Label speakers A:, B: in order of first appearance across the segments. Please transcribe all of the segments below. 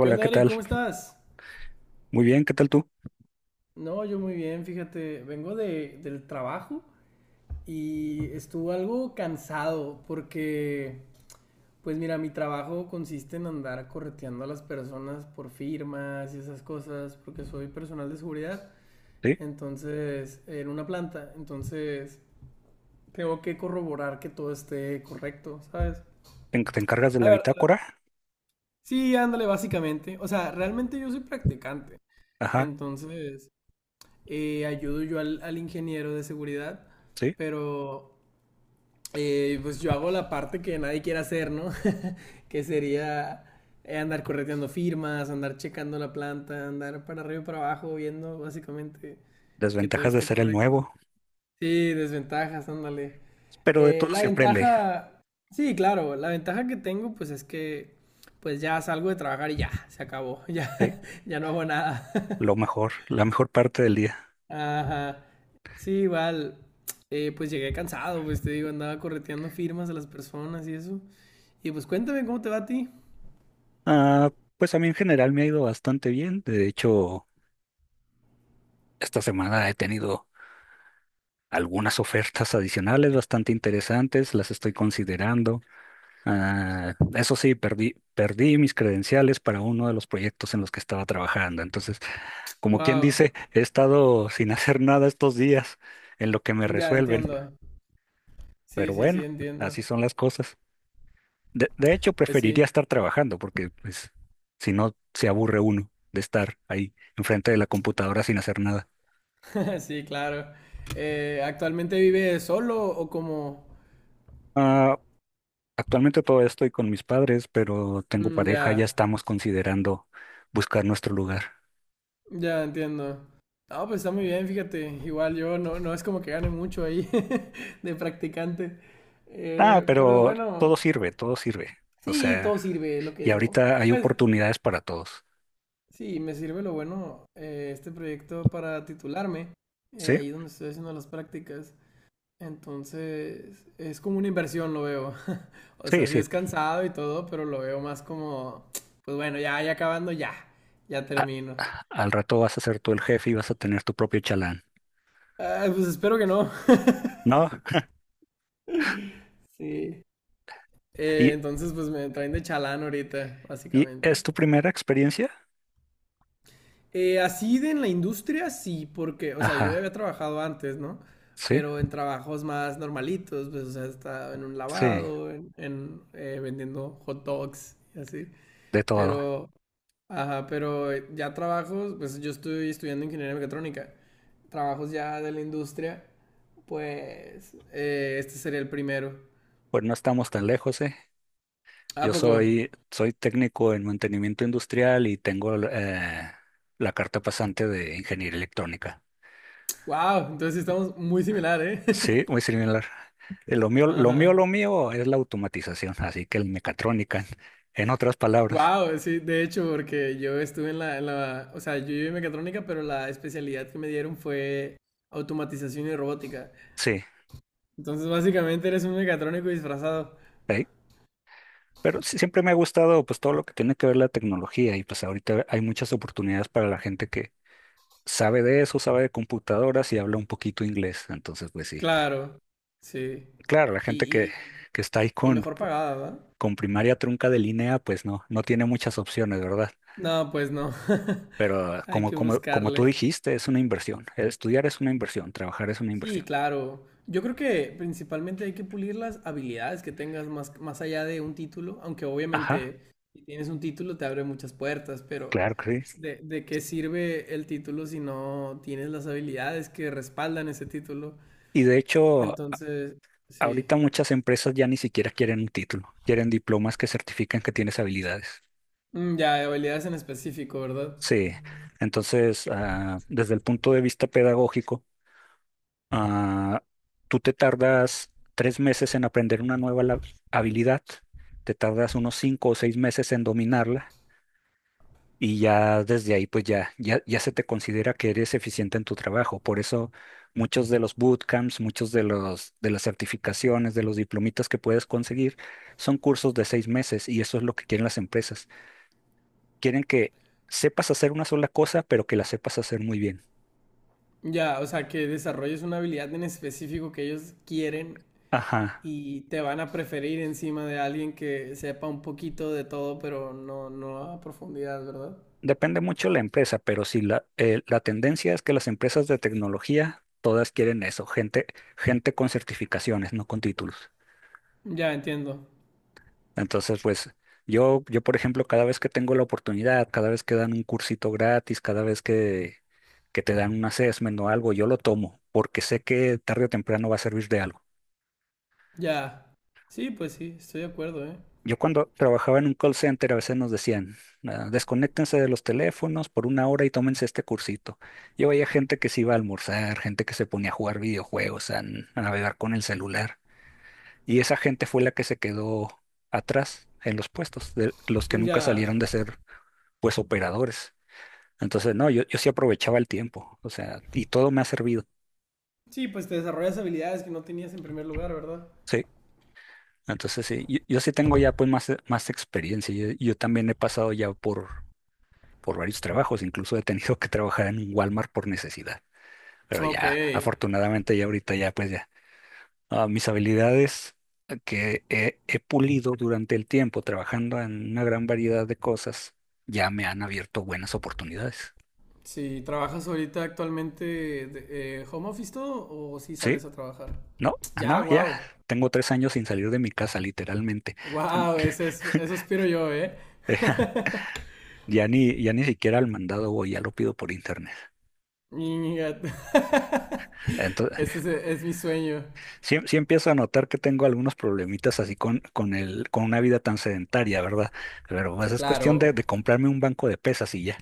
A: ¿Qué onda,
B: ¿qué
A: Eric?
B: tal?
A: ¿Cómo estás?
B: Muy bien, ¿qué tal tú?
A: No, yo muy bien, fíjate, vengo del trabajo y estuve algo cansado porque, pues mira, mi trabajo consiste en andar correteando a las personas por firmas y esas cosas, porque soy personal de seguridad,
B: ¿Sí?
A: entonces, en una planta, entonces tengo que corroborar que todo esté correcto, ¿sabes?
B: ¿Te encargas de
A: A
B: la
A: ver,
B: bitácora?
A: sí, ándale, básicamente. O sea, realmente yo soy practicante.
B: Ajá,
A: Entonces, ayudo yo al ingeniero de seguridad,
B: sí.
A: pero pues yo hago la parte que nadie quiere hacer, ¿no? Que sería andar correteando firmas, andar checando la planta, andar para arriba y para abajo, viendo básicamente que todo
B: Desventajas de
A: esté
B: ser el
A: correcto.
B: nuevo.
A: Sí, desventajas, ándale.
B: Pero de todo
A: La
B: se aprende,
A: ventaja, sí, claro, la ventaja que tengo pues es que pues ya salgo de trabajar y ya, se acabó, ya,
B: ¿sí?
A: ya no hago nada.
B: Lo mejor, la mejor parte del día.
A: Ajá. Sí, igual. Pues llegué cansado, pues te digo, andaba correteando firmas a las personas y eso. Y pues cuéntame cómo te va a ti.
B: Ah, pues a mí en general me ha ido bastante bien. De hecho, esta semana he tenido algunas ofertas adicionales bastante interesantes, las estoy considerando. Ah, eso sí, perdí mis credenciales para uno de los proyectos en los que estaba trabajando. Entonces, como quien
A: Wow.
B: dice, he estado sin hacer nada estos días en lo que me
A: Ya
B: resuelven.
A: entiendo. Sí,
B: Pero
A: sí, sí,
B: bueno,
A: entiendo.
B: así son las cosas. De hecho,
A: Pues
B: preferiría
A: sí.
B: estar trabajando porque pues, si no, se aburre uno de estar ahí enfrente de la computadora sin hacer nada.
A: Sí, claro. ¿Actualmente vive solo o como?
B: Ah, actualmente todavía estoy con mis padres, pero tengo
A: Mm, ya,
B: pareja, ya estamos considerando buscar nuestro lugar.
A: ya entiendo. No, pues está muy bien, fíjate. Igual yo no, no es como que gane mucho ahí de practicante.
B: Ah,
A: Pero lo
B: pero todo
A: bueno,
B: sirve, todo sirve. O
A: sí,
B: sea,
A: todo sirve, es lo que
B: y
A: digo.
B: ahorita hay
A: Pues
B: oportunidades para todos.
A: sí, me sirve lo bueno, este proyecto para titularme,
B: ¿Sí?
A: ahí donde estoy haciendo las prácticas. Entonces, es como una inversión, lo veo. O
B: Sí,
A: sea, sí
B: sí.
A: es cansado y todo, pero lo veo más como, pues bueno, ya, ya acabando, ya, ya
B: A-
A: termino.
B: al rato vas a ser tú el jefe y vas a tener tu propio chalán.
A: Ah, pues espero que no.
B: ¿No?
A: Sí.
B: ¿Y,
A: Entonces, pues me traen de chalán ahorita,
B: y
A: básicamente.
B: es tu primera experiencia?
A: Así de en la industria, sí, porque, o sea, yo ya
B: Ajá.
A: había trabajado antes, ¿no?
B: Sí,
A: Pero en trabajos más normalitos, pues, o sea, estaba en un
B: sí,
A: lavado, vendiendo hot dogs y así.
B: de todo.
A: Pero, ajá, pero ya trabajos, pues yo estoy estudiando ingeniería mecatrónica. Trabajos ya de la industria, pues, este sería el primero.
B: Pues no estamos tan lejos, ¿eh?
A: ¿A
B: Yo
A: poco?
B: soy técnico en mantenimiento industrial y tengo la carta pasante de ingeniería electrónica.
A: ¡Wow! Entonces sí estamos muy similar, ¿eh?
B: Sí, muy similar. Eh, Lo mío, lo mío, lo
A: Ajá.
B: mío es la automatización, así que el mecatrónica, en otras palabras.
A: Wow, sí, de hecho, porque yo estuve en la, o sea, yo llevé mecatrónica, pero la especialidad que me dieron fue automatización y robótica.
B: Sí,
A: Entonces, básicamente eres un mecatrónico disfrazado.
B: ahí. Pero sí, siempre me ha gustado pues todo lo que tiene que ver la tecnología y pues ahorita hay muchas oportunidades para la gente que sabe de eso, sabe de computadoras y habla un poquito inglés. Entonces, pues sí.
A: Claro, sí.
B: Claro, la gente que,
A: Y, y,
B: que está ahí
A: y
B: con,
A: mejor pagada, ¿verdad?
B: con primaria trunca de línea, pues no tiene muchas opciones, ¿verdad?
A: No, pues no.
B: Pero
A: Hay
B: como,
A: que
B: como, como tú
A: buscarle.
B: dijiste, es una inversión. Estudiar es una inversión, trabajar es una
A: Sí,
B: inversión.
A: claro. Yo creo que principalmente hay que pulir las habilidades que tengas más, más allá de un título, aunque
B: Ajá.
A: obviamente si tienes un título te abre muchas puertas, pero
B: Claro que sí.
A: de qué sirve el título si no tienes las habilidades que respaldan ese título?
B: Y de hecho,
A: Entonces, sí.
B: ahorita muchas empresas ya ni siquiera quieren un título, quieren diplomas que certifican que tienes habilidades.
A: Mm, ya, habilidades en específico, ¿verdad?
B: Sí, entonces, desde el punto de vista pedagógico, ah, tú te tardas 3 meses en aprender una nueva habilidad, te tardas unos 5 o 6 meses en dominarla y ya desde ahí pues ya se te considera que eres eficiente en tu trabajo. Por eso muchos de los bootcamps, de las certificaciones, de los diplomitas que puedes conseguir son cursos de 6 meses y eso es lo que quieren las empresas. Quieren que sepas hacer una sola cosa, pero que la sepas hacer muy bien.
A: Ya, o sea, que desarrolles una habilidad en específico que ellos quieren
B: Ajá.
A: y te van a preferir encima de alguien que sepa un poquito de todo, pero no, no a profundidad, ¿verdad?
B: Depende mucho la empresa, pero sí la tendencia es que las empresas de tecnología todas quieren eso, gente, gente con certificaciones, no con títulos.
A: Ya entiendo.
B: Entonces, pues yo, por ejemplo, cada vez que tengo la oportunidad, cada vez que dan un cursito gratis, cada vez que te dan un assessment o algo, yo lo tomo porque sé que tarde o temprano va a servir de algo.
A: Ya. Sí, pues sí, estoy de acuerdo, ¿eh?
B: Yo cuando trabajaba en un call center a veces nos decían, "Ah, desconéctense de los teléfonos por una hora y tómense este cursito." Yo veía gente que se iba a almorzar, gente que se ponía a jugar videojuegos, a navegar con el celular. Y esa gente fue la que se quedó atrás en los puestos, de los que nunca
A: Ya.
B: salieron de ser pues operadores. Entonces, no, yo sí aprovechaba el tiempo, o sea, y todo me ha servido,
A: Sí, pues te desarrollas habilidades que no tenías en primer lugar, ¿verdad?
B: sí. Entonces, sí, yo sí tengo ya pues más experiencia. Yo también he pasado ya por varios trabajos, incluso he tenido que trabajar en un Walmart por necesidad, pero
A: Ok.
B: ya, afortunadamente ya ahorita ya pues ya, mis habilidades que he pulido durante el tiempo trabajando en una gran variedad de cosas, ya me han abierto buenas oportunidades.
A: Si trabajas ahorita actualmente home office todo o si
B: Sí,
A: sales a trabajar.
B: no,
A: Ya,
B: no, ya.
A: wow.
B: Tengo 3 años sin salir de mi casa, literalmente.
A: Wow, ese es, eso aspiro yo, ¿eh?
B: Eh, ya ni siquiera al mandado voy, ya lo pido por internet.
A: Ñiñiga.
B: Entonces,
A: Ese es mi sueño.
B: sí, sí empiezo a notar que tengo algunos problemitas así con una vida tan sedentaria, ¿verdad? Pero pues, es cuestión de,
A: Claro.
B: de comprarme un banco de pesas y ya.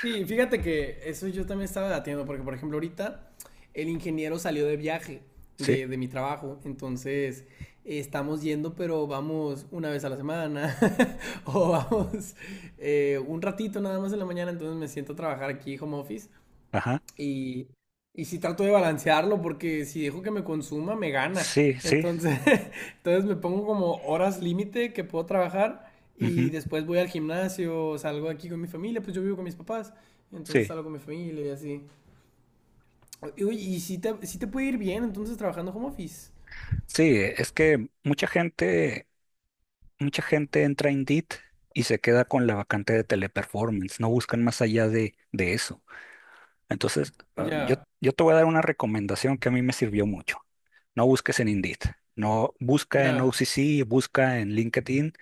A: Sí, fíjate que eso yo también estaba debatiendo, porque por ejemplo ahorita el ingeniero salió de viaje
B: Sí,
A: de mi trabajo, entonces estamos yendo, pero vamos una vez a la semana, o vamos un ratito nada más en la mañana, entonces me siento a trabajar aquí home office
B: ajá.
A: y, y sí trato de balancearlo porque si dejo que me consuma, me gana.
B: Sí, sí.
A: Entonces, entonces me pongo como horas límite que puedo trabajar y
B: Ujú.
A: después voy al gimnasio, salgo aquí con mi familia, pues yo vivo con mis papás, entonces
B: Sí,
A: salgo con mi familia y así. Y, oye, y si te, puede ir bien, entonces trabajando home office.
B: sí, es que mucha gente entra en Indeed y se queda con la vacante de teleperformance. No buscan más allá de eso. Entonces, yo,
A: Ya,
B: yo te voy a dar una recomendación que a mí me sirvió mucho. No busques en Indeed, no busca en
A: ya,
B: OCC, busca en LinkedIn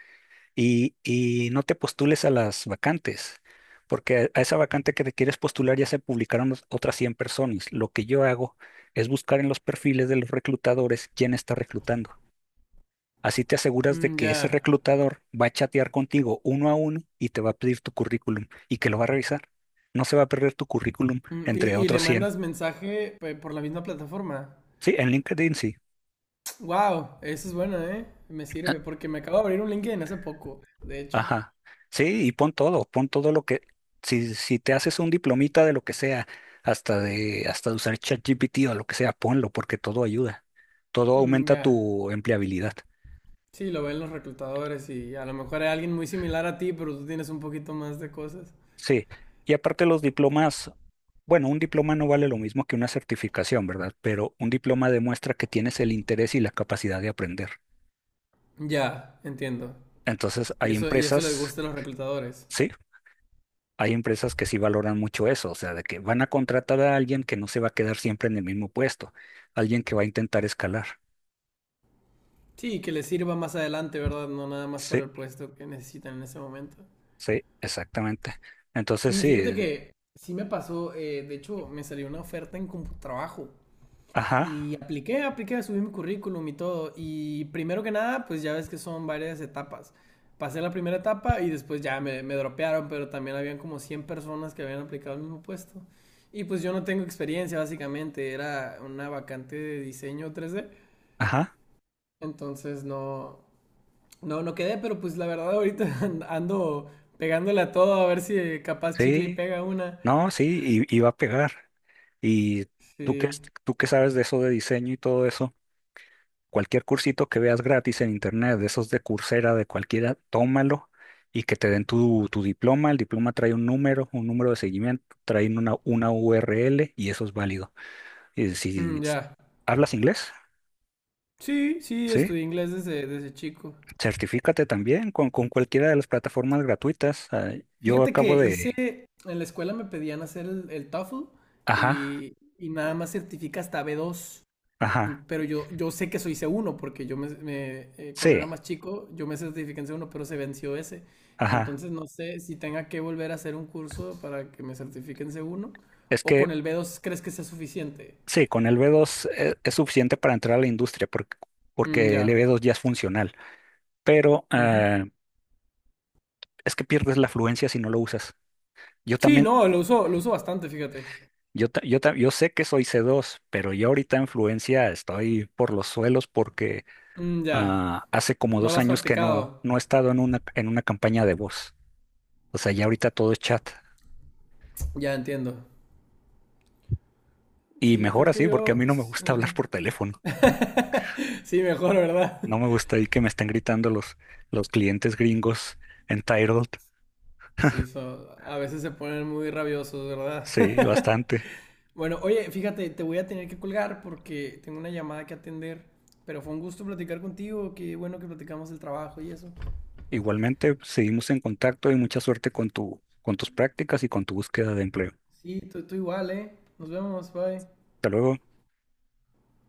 B: y no te postules a las vacantes, porque a esa vacante que te quieres postular ya se publicaron otras 100 personas. Lo que yo hago es buscar en los perfiles de los reclutadores quién está reclutando. Así te aseguras de que ese
A: ya.
B: reclutador va a chatear contigo uno a uno y te va a pedir tu currículum y que lo va a revisar. No se va a perder tu currículum
A: Mm,
B: entre
A: y le
B: otros 100.
A: mandas mensaje pues, por la misma plataforma.
B: Sí, en LinkedIn sí.
A: Wow, eso es bueno, ¿eh? Me
B: Ah.
A: sirve porque me acabo de abrir un LinkedIn hace poco, de hecho.
B: Ajá. Sí, y pon todo lo que, si te haces un diplomita de lo que sea, hasta de usar ChatGPT o lo que sea, ponlo, porque todo ayuda. Todo
A: Mm,
B: aumenta
A: ya.
B: tu empleabilidad.
A: Sí, lo ven los reclutadores y a lo mejor hay alguien muy similar a ti, pero tú tienes un poquito más de cosas.
B: Sí. Y aparte los diplomas, bueno, un diploma no vale lo mismo que una certificación, ¿verdad? Pero un diploma demuestra que tienes el interés y la capacidad de aprender.
A: Ya, entiendo.
B: Entonces,
A: Y
B: hay
A: eso, y eso les
B: empresas,
A: gusta a los reclutadores.
B: sí, hay empresas que sí valoran mucho eso, o sea, de que van a contratar a alguien que no se va a quedar siempre en el mismo puesto, alguien que va a intentar escalar.
A: Sí, que les sirva más adelante, ¿verdad? No nada más
B: Sí,
A: para el puesto que necesitan en ese momento.
B: sí, exactamente. Entonces
A: Sí, fíjate
B: sí,
A: que sí me pasó, de hecho me salió una oferta en CompuTrabajo.
B: ajá,
A: Y apliqué, apliqué, subí mi currículum y todo. Y primero que nada, pues ya ves que son varias etapas. Pasé la primera etapa y después ya me dropearon, pero también habían como 100 personas que habían aplicado el mismo puesto. Y pues yo no tengo experiencia, básicamente. Era una vacante de diseño 3D.
B: ajá,
A: Entonces no, no, no quedé, pero pues la verdad ahorita ando pegándole a todo a ver si capaz chicle y
B: sí,
A: pega una.
B: no, sí, y va a pegar. Y tú que,
A: Sí.
B: tú que sabes de eso de diseño y todo eso, cualquier cursito que veas gratis en internet, de esos de Coursera, de cualquiera, tómalo. Y que te den tu diploma, el diploma trae un número, de seguimiento, trae una URL y eso es válido. Y si
A: Mm, ya.
B: hablas inglés,
A: Sí, sí,
B: sí,
A: estudié inglés desde chico.
B: certifícate también con cualquiera de las plataformas gratuitas. Ah, yo
A: Fíjate que
B: acabo de...
A: hice, en la escuela me pedían hacer el TOEFL
B: Ajá,
A: y nada más certifica hasta B2
B: ajá,
A: pero yo, sé que soy C1 porque yo cuando era
B: sí,
A: más chico yo me certifiqué en C1 pero se venció ese.
B: ajá.
A: Entonces no sé si tenga que volver a hacer un curso para que me certifiquen C1
B: Es
A: o con
B: que
A: el B2 crees que sea suficiente.
B: sí, con el B2 es suficiente para entrar a la industria porque,
A: Mm,
B: porque el E b
A: ya.
B: dos ya es funcional, pero
A: Ujú.
B: es que pierdes la fluencia si no lo usas. Yo
A: Sí,
B: también,
A: no, lo uso bastante, fíjate.
B: yo sé que soy C2, pero yo ahorita en fluencia estoy por los suelos porque
A: Mm, ya.
B: hace como
A: No lo
B: dos
A: has
B: años que no,
A: practicado.
B: no he estado en una campaña de voz. O sea, ya ahorita todo es chat.
A: Ya entiendo.
B: Y
A: Sí,
B: mejor
A: creo que
B: así, porque a
A: yo...
B: mí no me gusta hablar
A: ajá.
B: por teléfono.
A: Sí, mejor, ¿verdad?
B: No me gusta ahí que me estén gritando los clientes gringos entitled.
A: Sí, a veces se ponen muy rabiosos,
B: Sí,
A: ¿verdad?
B: bastante.
A: Bueno, oye, fíjate, te voy a tener que colgar porque tengo una llamada que atender, pero fue un gusto platicar contigo, qué bueno que platicamos el trabajo y eso.
B: Igualmente, seguimos en contacto y mucha suerte con tus prácticas y con tu búsqueda de empleo.
A: Sí, tú, igual, ¿eh? Nos vemos, bye.
B: Hasta luego.